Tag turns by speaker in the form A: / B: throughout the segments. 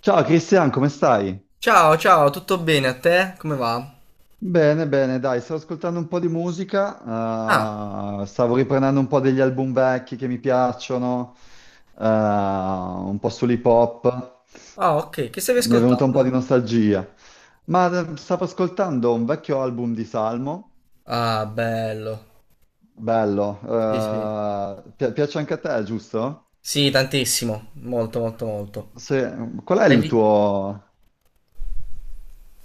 A: Ciao Cristian, come stai?
B: Ciao, ciao, tutto bene a te? Come va?
A: Bene, bene, dai, stavo ascoltando un po' di
B: Ah,
A: musica, stavo riprendendo un po' degli album vecchi che mi piacciono, un po' sull'hip hop,
B: ah, ok, che stavi
A: mi è venuta un po' di
B: ascoltando?
A: nostalgia, ma stavo ascoltando un vecchio album di Salmo,
B: Ah, bello.
A: bello,
B: Sì, sì.
A: piace anche a te, giusto?
B: Sì, tantissimo, molto, molto, molto.
A: Se- Qual è
B: Hai
A: il
B: vi-
A: tuo,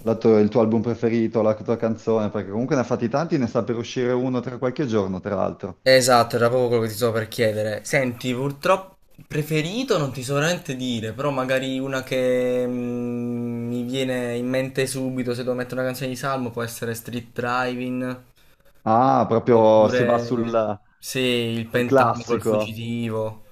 A: il tuo album preferito, la tua canzone? Perché comunque ne ha fatti tanti, ne sta per uscire uno tra qualche giorno, tra l'altro.
B: esatto, era proprio quello che ti stavo per chiedere. Senti, purtroppo preferito non ti so veramente dire, però magari una che mi viene in mente subito se devo mettere una canzone di Salmo può essere Street Driving,
A: Ah, proprio si va
B: oppure
A: sul,
B: sì, il
A: sul
B: Pentago, il
A: classico.
B: Fuggitivo.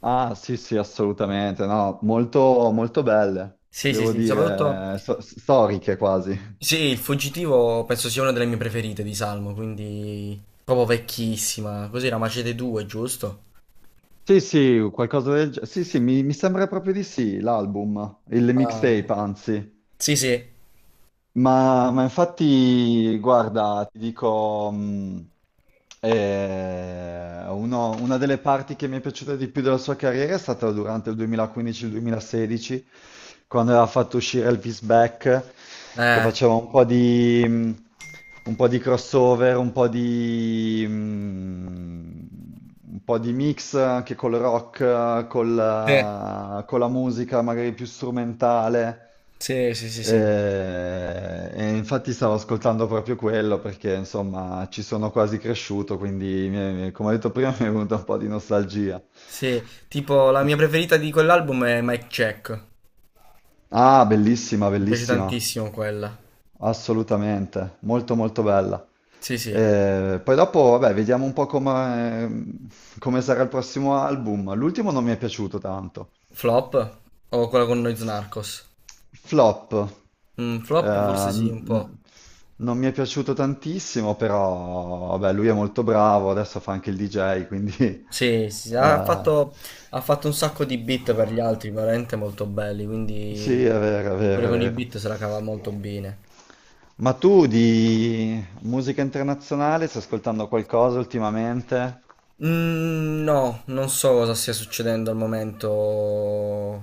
A: Ah, sì, sì, assolutamente. No, molto, molto belle,
B: Sì, sì,
A: devo
B: sì, soprattutto...
A: dire, storiche quasi.
B: Sì, il fuggitivo penso sia una delle mie preferite di Salmo, quindi proprio vecchissima. Cos'era Macete 2, giusto?
A: Sì, sì, qualcosa del genere. Sì, sì, mi sembra proprio di sì, l'album, il
B: Um,
A: mixtape, anzi.
B: sì, sì.
A: Ma infatti, guarda, ti dico, una delle parti che mi è piaciuta di più della sua carriera è stata durante il 2015-2016, quando aveva fatto uscire Elvis Back, che
B: Eh,
A: faceva un po' di crossover, un po' di mix anche col rock,
B: sì,
A: con la musica magari più strumentale.
B: sì, sì, sì, sì.
A: E, infatti stavo ascoltando proprio quello perché insomma ci sono quasi cresciuto, quindi come ho detto prima mi è venuta un po' di nostalgia.
B: Sì, tipo la mia preferita di quell'album è Mike Check.
A: Ah, bellissima,
B: Mi piace
A: bellissima,
B: tantissimo quella.
A: assolutamente, molto molto bella.
B: Sì, sì.
A: Poi dopo, vabbè, vediamo un po' come sarà il prossimo album. L'ultimo non mi è piaciuto tanto.
B: Flop o quella con Noyz Narcos?
A: Flop.
B: Mm, flop
A: Eh,
B: forse sì, un po'.
A: n- Non mi è piaciuto tantissimo, però vabbè, lui è molto bravo, adesso fa anche il DJ, quindi
B: Sì, sì, sì,
A: eh,
B: ha fatto un sacco di beat per gli altri, veramente molto belli, quindi
A: sì, è vero, è
B: pure
A: vero, è
B: con i
A: vero.
B: beat se la cava molto bene.
A: Ma tu di musica internazionale stai ascoltando qualcosa ultimamente?
B: Mm, no, non so cosa stia succedendo al momento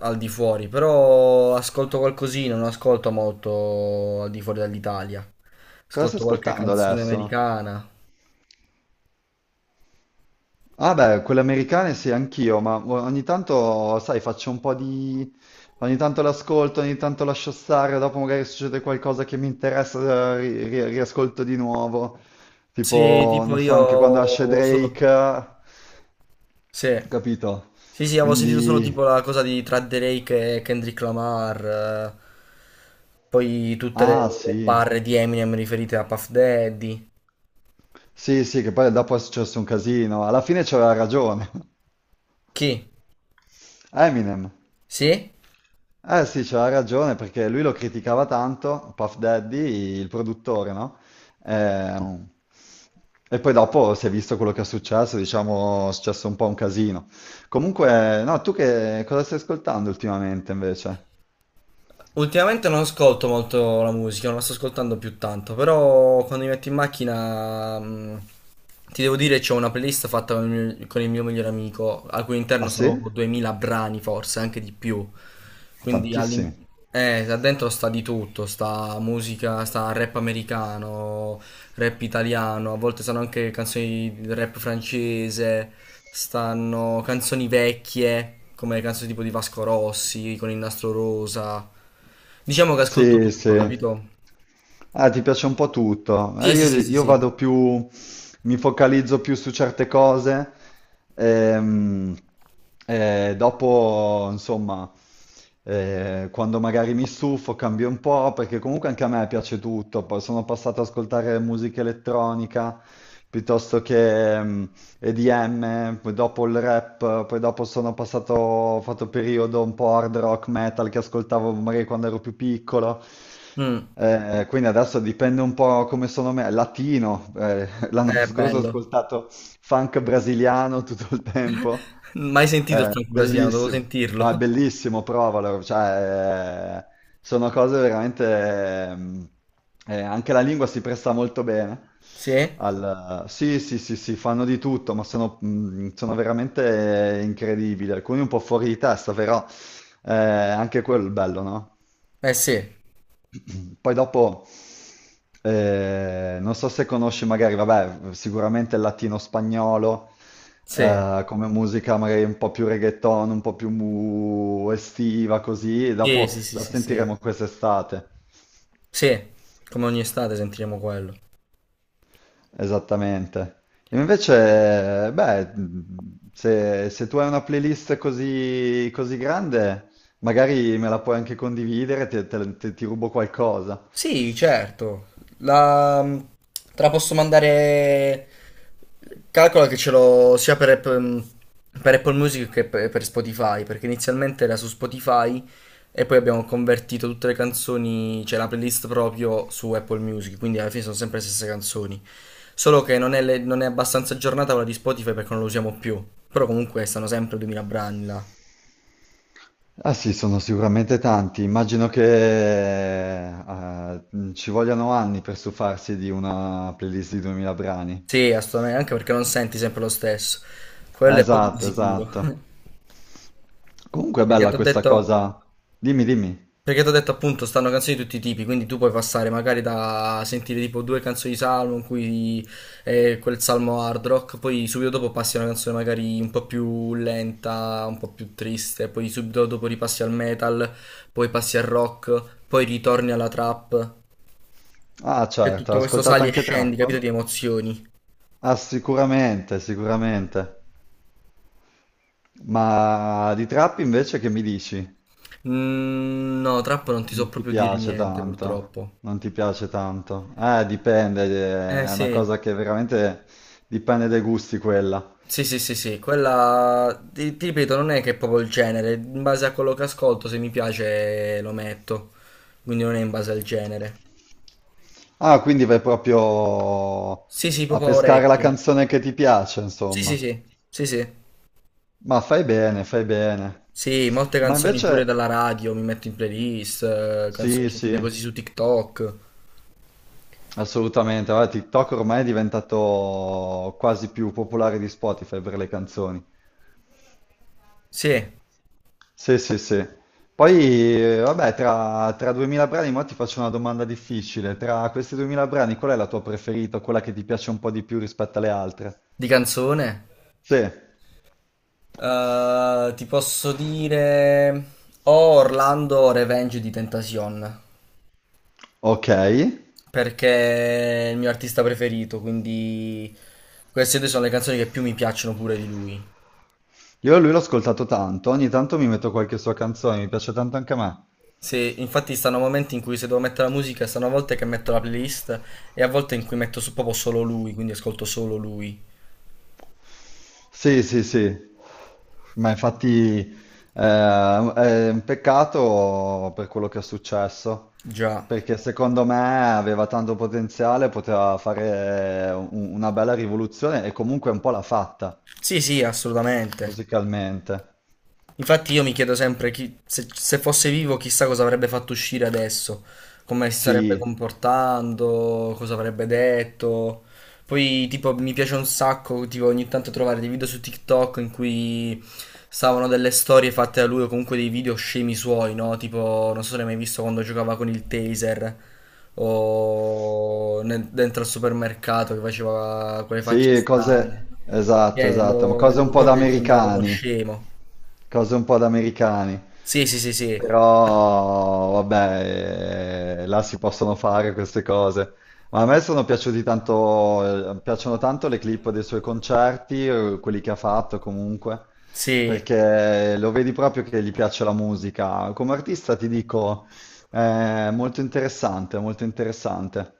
B: al di fuori, però ascolto qualcosina, non ascolto molto al di fuori dall'Italia.
A: Cosa stai
B: Ascolto qualche
A: ascoltando
B: canzone
A: adesso?
B: americana.
A: Ah beh, quelle americane sì, anch'io, ma ogni tanto, sai, faccio un po' di. Ogni tanto l'ascolto, ogni tanto lascio stare, dopo magari succede qualcosa che mi interessa, riascolto di nuovo.
B: Sì,
A: Tipo,
B: tipo
A: non so, anche quando esce
B: io
A: Drake,
B: solo... Sì.
A: capito?
B: Sì, sì, avevo sentito solo tipo
A: Quindi.
B: la cosa di tra Drake e Kendrick Lamar, poi tutte
A: Ah
B: le
A: sì,
B: barre di Eminem riferite a Puff Daddy.
A: sì, sì, che poi dopo è successo un casino. Alla fine c'aveva ragione.
B: Chi?
A: Eminem.
B: Sì?
A: Eh sì, c'aveva ragione perché lui lo criticava tanto, Puff Daddy, il produttore, no? Ehm, E, poi dopo si è visto quello che è successo, diciamo, è successo un po' un casino. Comunque, no, tu che cosa stai ascoltando ultimamente invece?
B: Ultimamente non ascolto molto la musica, non la sto ascoltando più tanto, però quando mi metto in macchina, ti devo dire, c'ho una playlist fatta con con il mio migliore amico, al cui interno
A: Ah
B: sono
A: sì?
B: proprio 2000 brani, forse anche di più. Quindi all'in-
A: Tantissimi.
B: da dentro sta di tutto, sta musica, sta rap americano, rap italiano, a volte sono anche canzoni di rap francese, stanno canzoni vecchie, come canzoni tipo di Vasco Rossi, con il nastro rosa. Diciamo che ascolto
A: Sì,
B: tutto,
A: sì.
B: capito?
A: Ah, ti piace un po' tutto.
B: Sì,
A: Eh,
B: sì,
A: io,
B: sì, sì,
A: io
B: sì.
A: vado più, mi focalizzo più su certe cose. ehm, Dopo, insomma, quando magari mi stufo, cambio un po', perché comunque anche a me piace tutto. Poi sono passato ad ascoltare musica elettronica piuttosto che, EDM, poi dopo il rap, poi dopo sono passato, ho fatto periodo un po' hard rock metal che ascoltavo magari quando ero più piccolo.
B: Mm,
A: Quindi adesso dipende un po' come sono me, latino, l'anno
B: è
A: scorso ho
B: bello.
A: ascoltato funk brasiliano tutto il tempo.
B: Mai sentito il franco brasiliano, devo
A: Bellissimo, no, è
B: sentirlo.
A: bellissimo, provalo, cioè, sono cose veramente, anche la lingua si presta molto bene,
B: Sì?
A: sì, sì, sì, sì, fanno di tutto, ma sono veramente incredibili, alcuni un po' fuori di testa, però anche quello è il bello, no?
B: Eh sì,
A: Poi dopo, non so se conosci magari, vabbè, sicuramente il latino-spagnolo,
B: sì.
A: come musica magari un po' più reggaeton, un po' più estiva, così, e
B: Sì,
A: dopo
B: sì, sì,
A: la
B: sì, sì.
A: sentiremo quest'estate.
B: Sì, come ogni estate sentiremo quello.
A: Esattamente. E invece, beh, se tu hai una playlist così, così grande, magari me la puoi anche condividere, ti rubo qualcosa.
B: Sì, certo. La... mm, te la posso mandare. Calcola che ce l'ho sia per Apple Music che per Spotify, perché inizialmente era su Spotify e poi abbiamo convertito tutte le canzoni, cioè la playlist proprio su Apple Music, quindi alla fine sono sempre le stesse canzoni. Solo che non è abbastanza aggiornata quella di Spotify perché non lo usiamo più. Però comunque stanno sempre 2000 brani là.
A: Ah sì, sono sicuramente tanti. Immagino che ci vogliano anni per stufarsi di una playlist di 2000 brani.
B: Sì, assolutamente, anche perché non senti sempre lo stesso.
A: Ah,
B: Quello è poco di
A: esatto,
B: sicuro.
A: esatto. Comunque è
B: Perché ti
A: bella
B: ho
A: questa
B: detto,
A: cosa. Dimmi, dimmi.
B: Perché t'ho detto appunto stanno canzoni di tutti i tipi, quindi tu puoi passare magari da sentire tipo due canzoni di Salmo in cui è quel Salmo hard rock, poi subito dopo passi a una canzone magari un po' più lenta, un po' più triste, poi subito dopo ripassi al metal, poi passi al rock, poi ritorni alla trap.
A: Ah,
B: C'è
A: certo,
B: tutto
A: hai
B: questo
A: ascoltato
B: sali e
A: anche
B: scendi, capito,
A: trap?
B: di emozioni.
A: Ah, sicuramente, sicuramente. Ma di trap invece che mi dici?
B: Mm, no, trap non ti so
A: Non ti
B: proprio dire
A: piace
B: niente
A: tanto,
B: purtroppo.
A: non ti piace tanto. Dipende,
B: Eh
A: è una
B: sì.
A: cosa che veramente dipende dai gusti quella.
B: Sì, sì, sì, sì, quella ti ripeto, non è che è proprio il genere, in base a quello che ascolto, se mi piace lo metto, quindi non è in base al genere.
A: Ah, quindi vai proprio
B: Sì, sì,
A: a
B: proprio a
A: pescare la
B: orecchio.
A: canzone che ti piace,
B: Sì,
A: insomma.
B: sì, sì, sì, sì.
A: Ma fai bene, fai bene.
B: Sì, molte
A: Ma
B: canzoni pure dalla
A: invece,
B: radio mi metto in playlist, canzoni
A: sì, sì,
B: sentite così su TikTok.
A: assolutamente. Guarda, TikTok ormai è diventato quasi più popolare di Spotify per le canzoni.
B: Sì,
A: Sì, sì, sì. Poi, vabbè, tra 2000 brani, mo ti faccio una domanda difficile. Tra questi 2000 brani, qual è la tua preferita, quella che ti piace un po' di più rispetto alle altre?
B: di canzone.
A: Sì,
B: Ti posso dire... O Orlando Revenge di Tentacion,
A: ok.
B: perché è il mio artista preferito, quindi queste due sono le canzoni che più mi piacciono pure di lui.
A: Io lui l'ho ascoltato tanto, ogni tanto mi metto qualche sua canzone, mi piace tanto anche a me.
B: Se, infatti stanno momenti in cui se devo mettere la musica, stanno a volte che metto la playlist e a volte in cui metto su- proprio solo lui, quindi ascolto solo lui.
A: Sì, sì, sì, ma infatti è un peccato per quello che è successo,
B: Già.
A: perché secondo me aveva tanto potenziale, poteva fare una bella rivoluzione e comunque un po' l'ha fatta
B: Sì, sì, assolutamente.
A: musicalmente.
B: Infatti io mi chiedo sempre chi- se, se fosse vivo chissà cosa avrebbe fatto uscire adesso, come si
A: Sì.
B: sarebbe comportando, cosa avrebbe detto. Poi tipo mi piace un sacco tipo, ogni tanto trovare dei video su TikTok in cui stavano delle storie fatte da lui o comunque dei video scemi suoi, no? Tipo non so se l'hai mai visto quando giocava con il taser o nel- dentro al supermercato che faceva quelle facce
A: Sì, cose.
B: strane.
A: Esatto,
B: Cioè,
A: esatto, ma
B: lo
A: cose un
B: vedevo
A: po' da
B: proprio che sembrava uno
A: americani,
B: scemo.
A: cose un po' da americani.
B: Sì, sì, sì, sì.
A: Però, vabbè, là si possono fare queste cose. Ma a me sono piaciuti tanto, piacciono tanto le clip dei suoi concerti, quelli che ha fatto comunque,
B: Sì,
A: perché lo vedi proprio che gli piace la musica. Come artista ti dico, è molto interessante, molto interessante.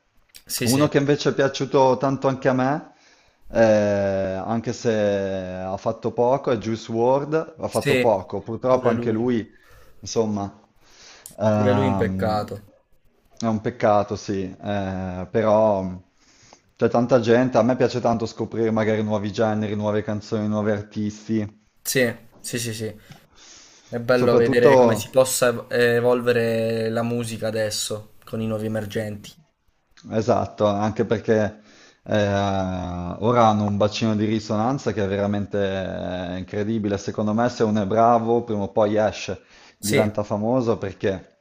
B: sì, sì.
A: Uno che invece è piaciuto tanto anche a me, anche se ha fatto poco, è Juice WRLD, ha fatto
B: Sì,
A: poco, purtroppo
B: pure
A: anche
B: lui.
A: lui, insomma,
B: Pure lui un
A: ehm,
B: peccato.
A: è un peccato, sì, però c'è tanta gente, a me piace tanto scoprire magari nuovi generi, nuove canzoni, nuovi artisti,
B: Sì, sì, sì, sì. È bello vedere come si
A: soprattutto.
B: possa ev- evolvere la musica adesso con i nuovi emergenti.
A: Esatto, anche perché eh, ora hanno un bacino di risonanza che è veramente incredibile. Secondo me, se uno è bravo, prima o poi esce,
B: Sì,
A: diventa famoso perché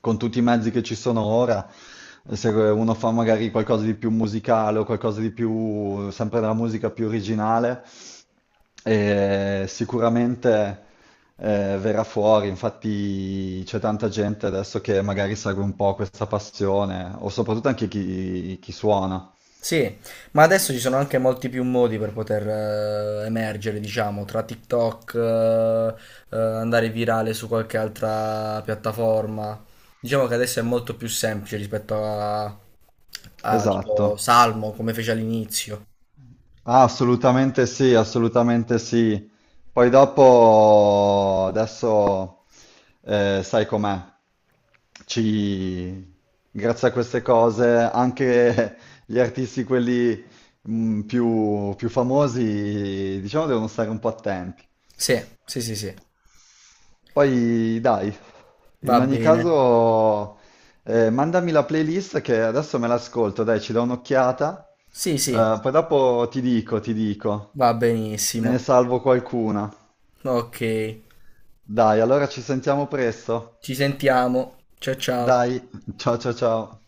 A: con tutti i mezzi che ci sono ora, se uno fa magari qualcosa di più musicale o qualcosa di più, sempre della musica più originale, e sicuramente verrà fuori, infatti c'è tanta gente adesso che magari segue un po' questa passione, o soprattutto anche chi, chi suona.
B: sì, ma adesso ci sono anche molti più modi per poter emergere, diciamo, tra TikTok, andare virale su qualche altra piattaforma. Diciamo che adesso è molto più semplice rispetto a
A: Esatto.
B: tipo Salmo, come fece all'inizio.
A: Ah, assolutamente sì, assolutamente sì. Poi dopo, adesso sai com'è, ci... grazie a queste cose anche gli artisti, quelli più famosi, diciamo, devono stare un po' attenti.
B: Sì, sì, sì, sì,
A: Poi dai, in
B: va
A: ogni
B: bene.
A: caso, mandami la playlist che adesso me l'ascolto, dai, ci do un'occhiata,
B: Sì, sì,
A: Poi dopo ti dico, ti dico.
B: va
A: Me ne
B: benissimo.
A: salvo qualcuna.
B: Ok,
A: Dai, allora ci sentiamo presto.
B: ci sentiamo. Ciao, ciao.
A: Dai, ciao ciao ciao.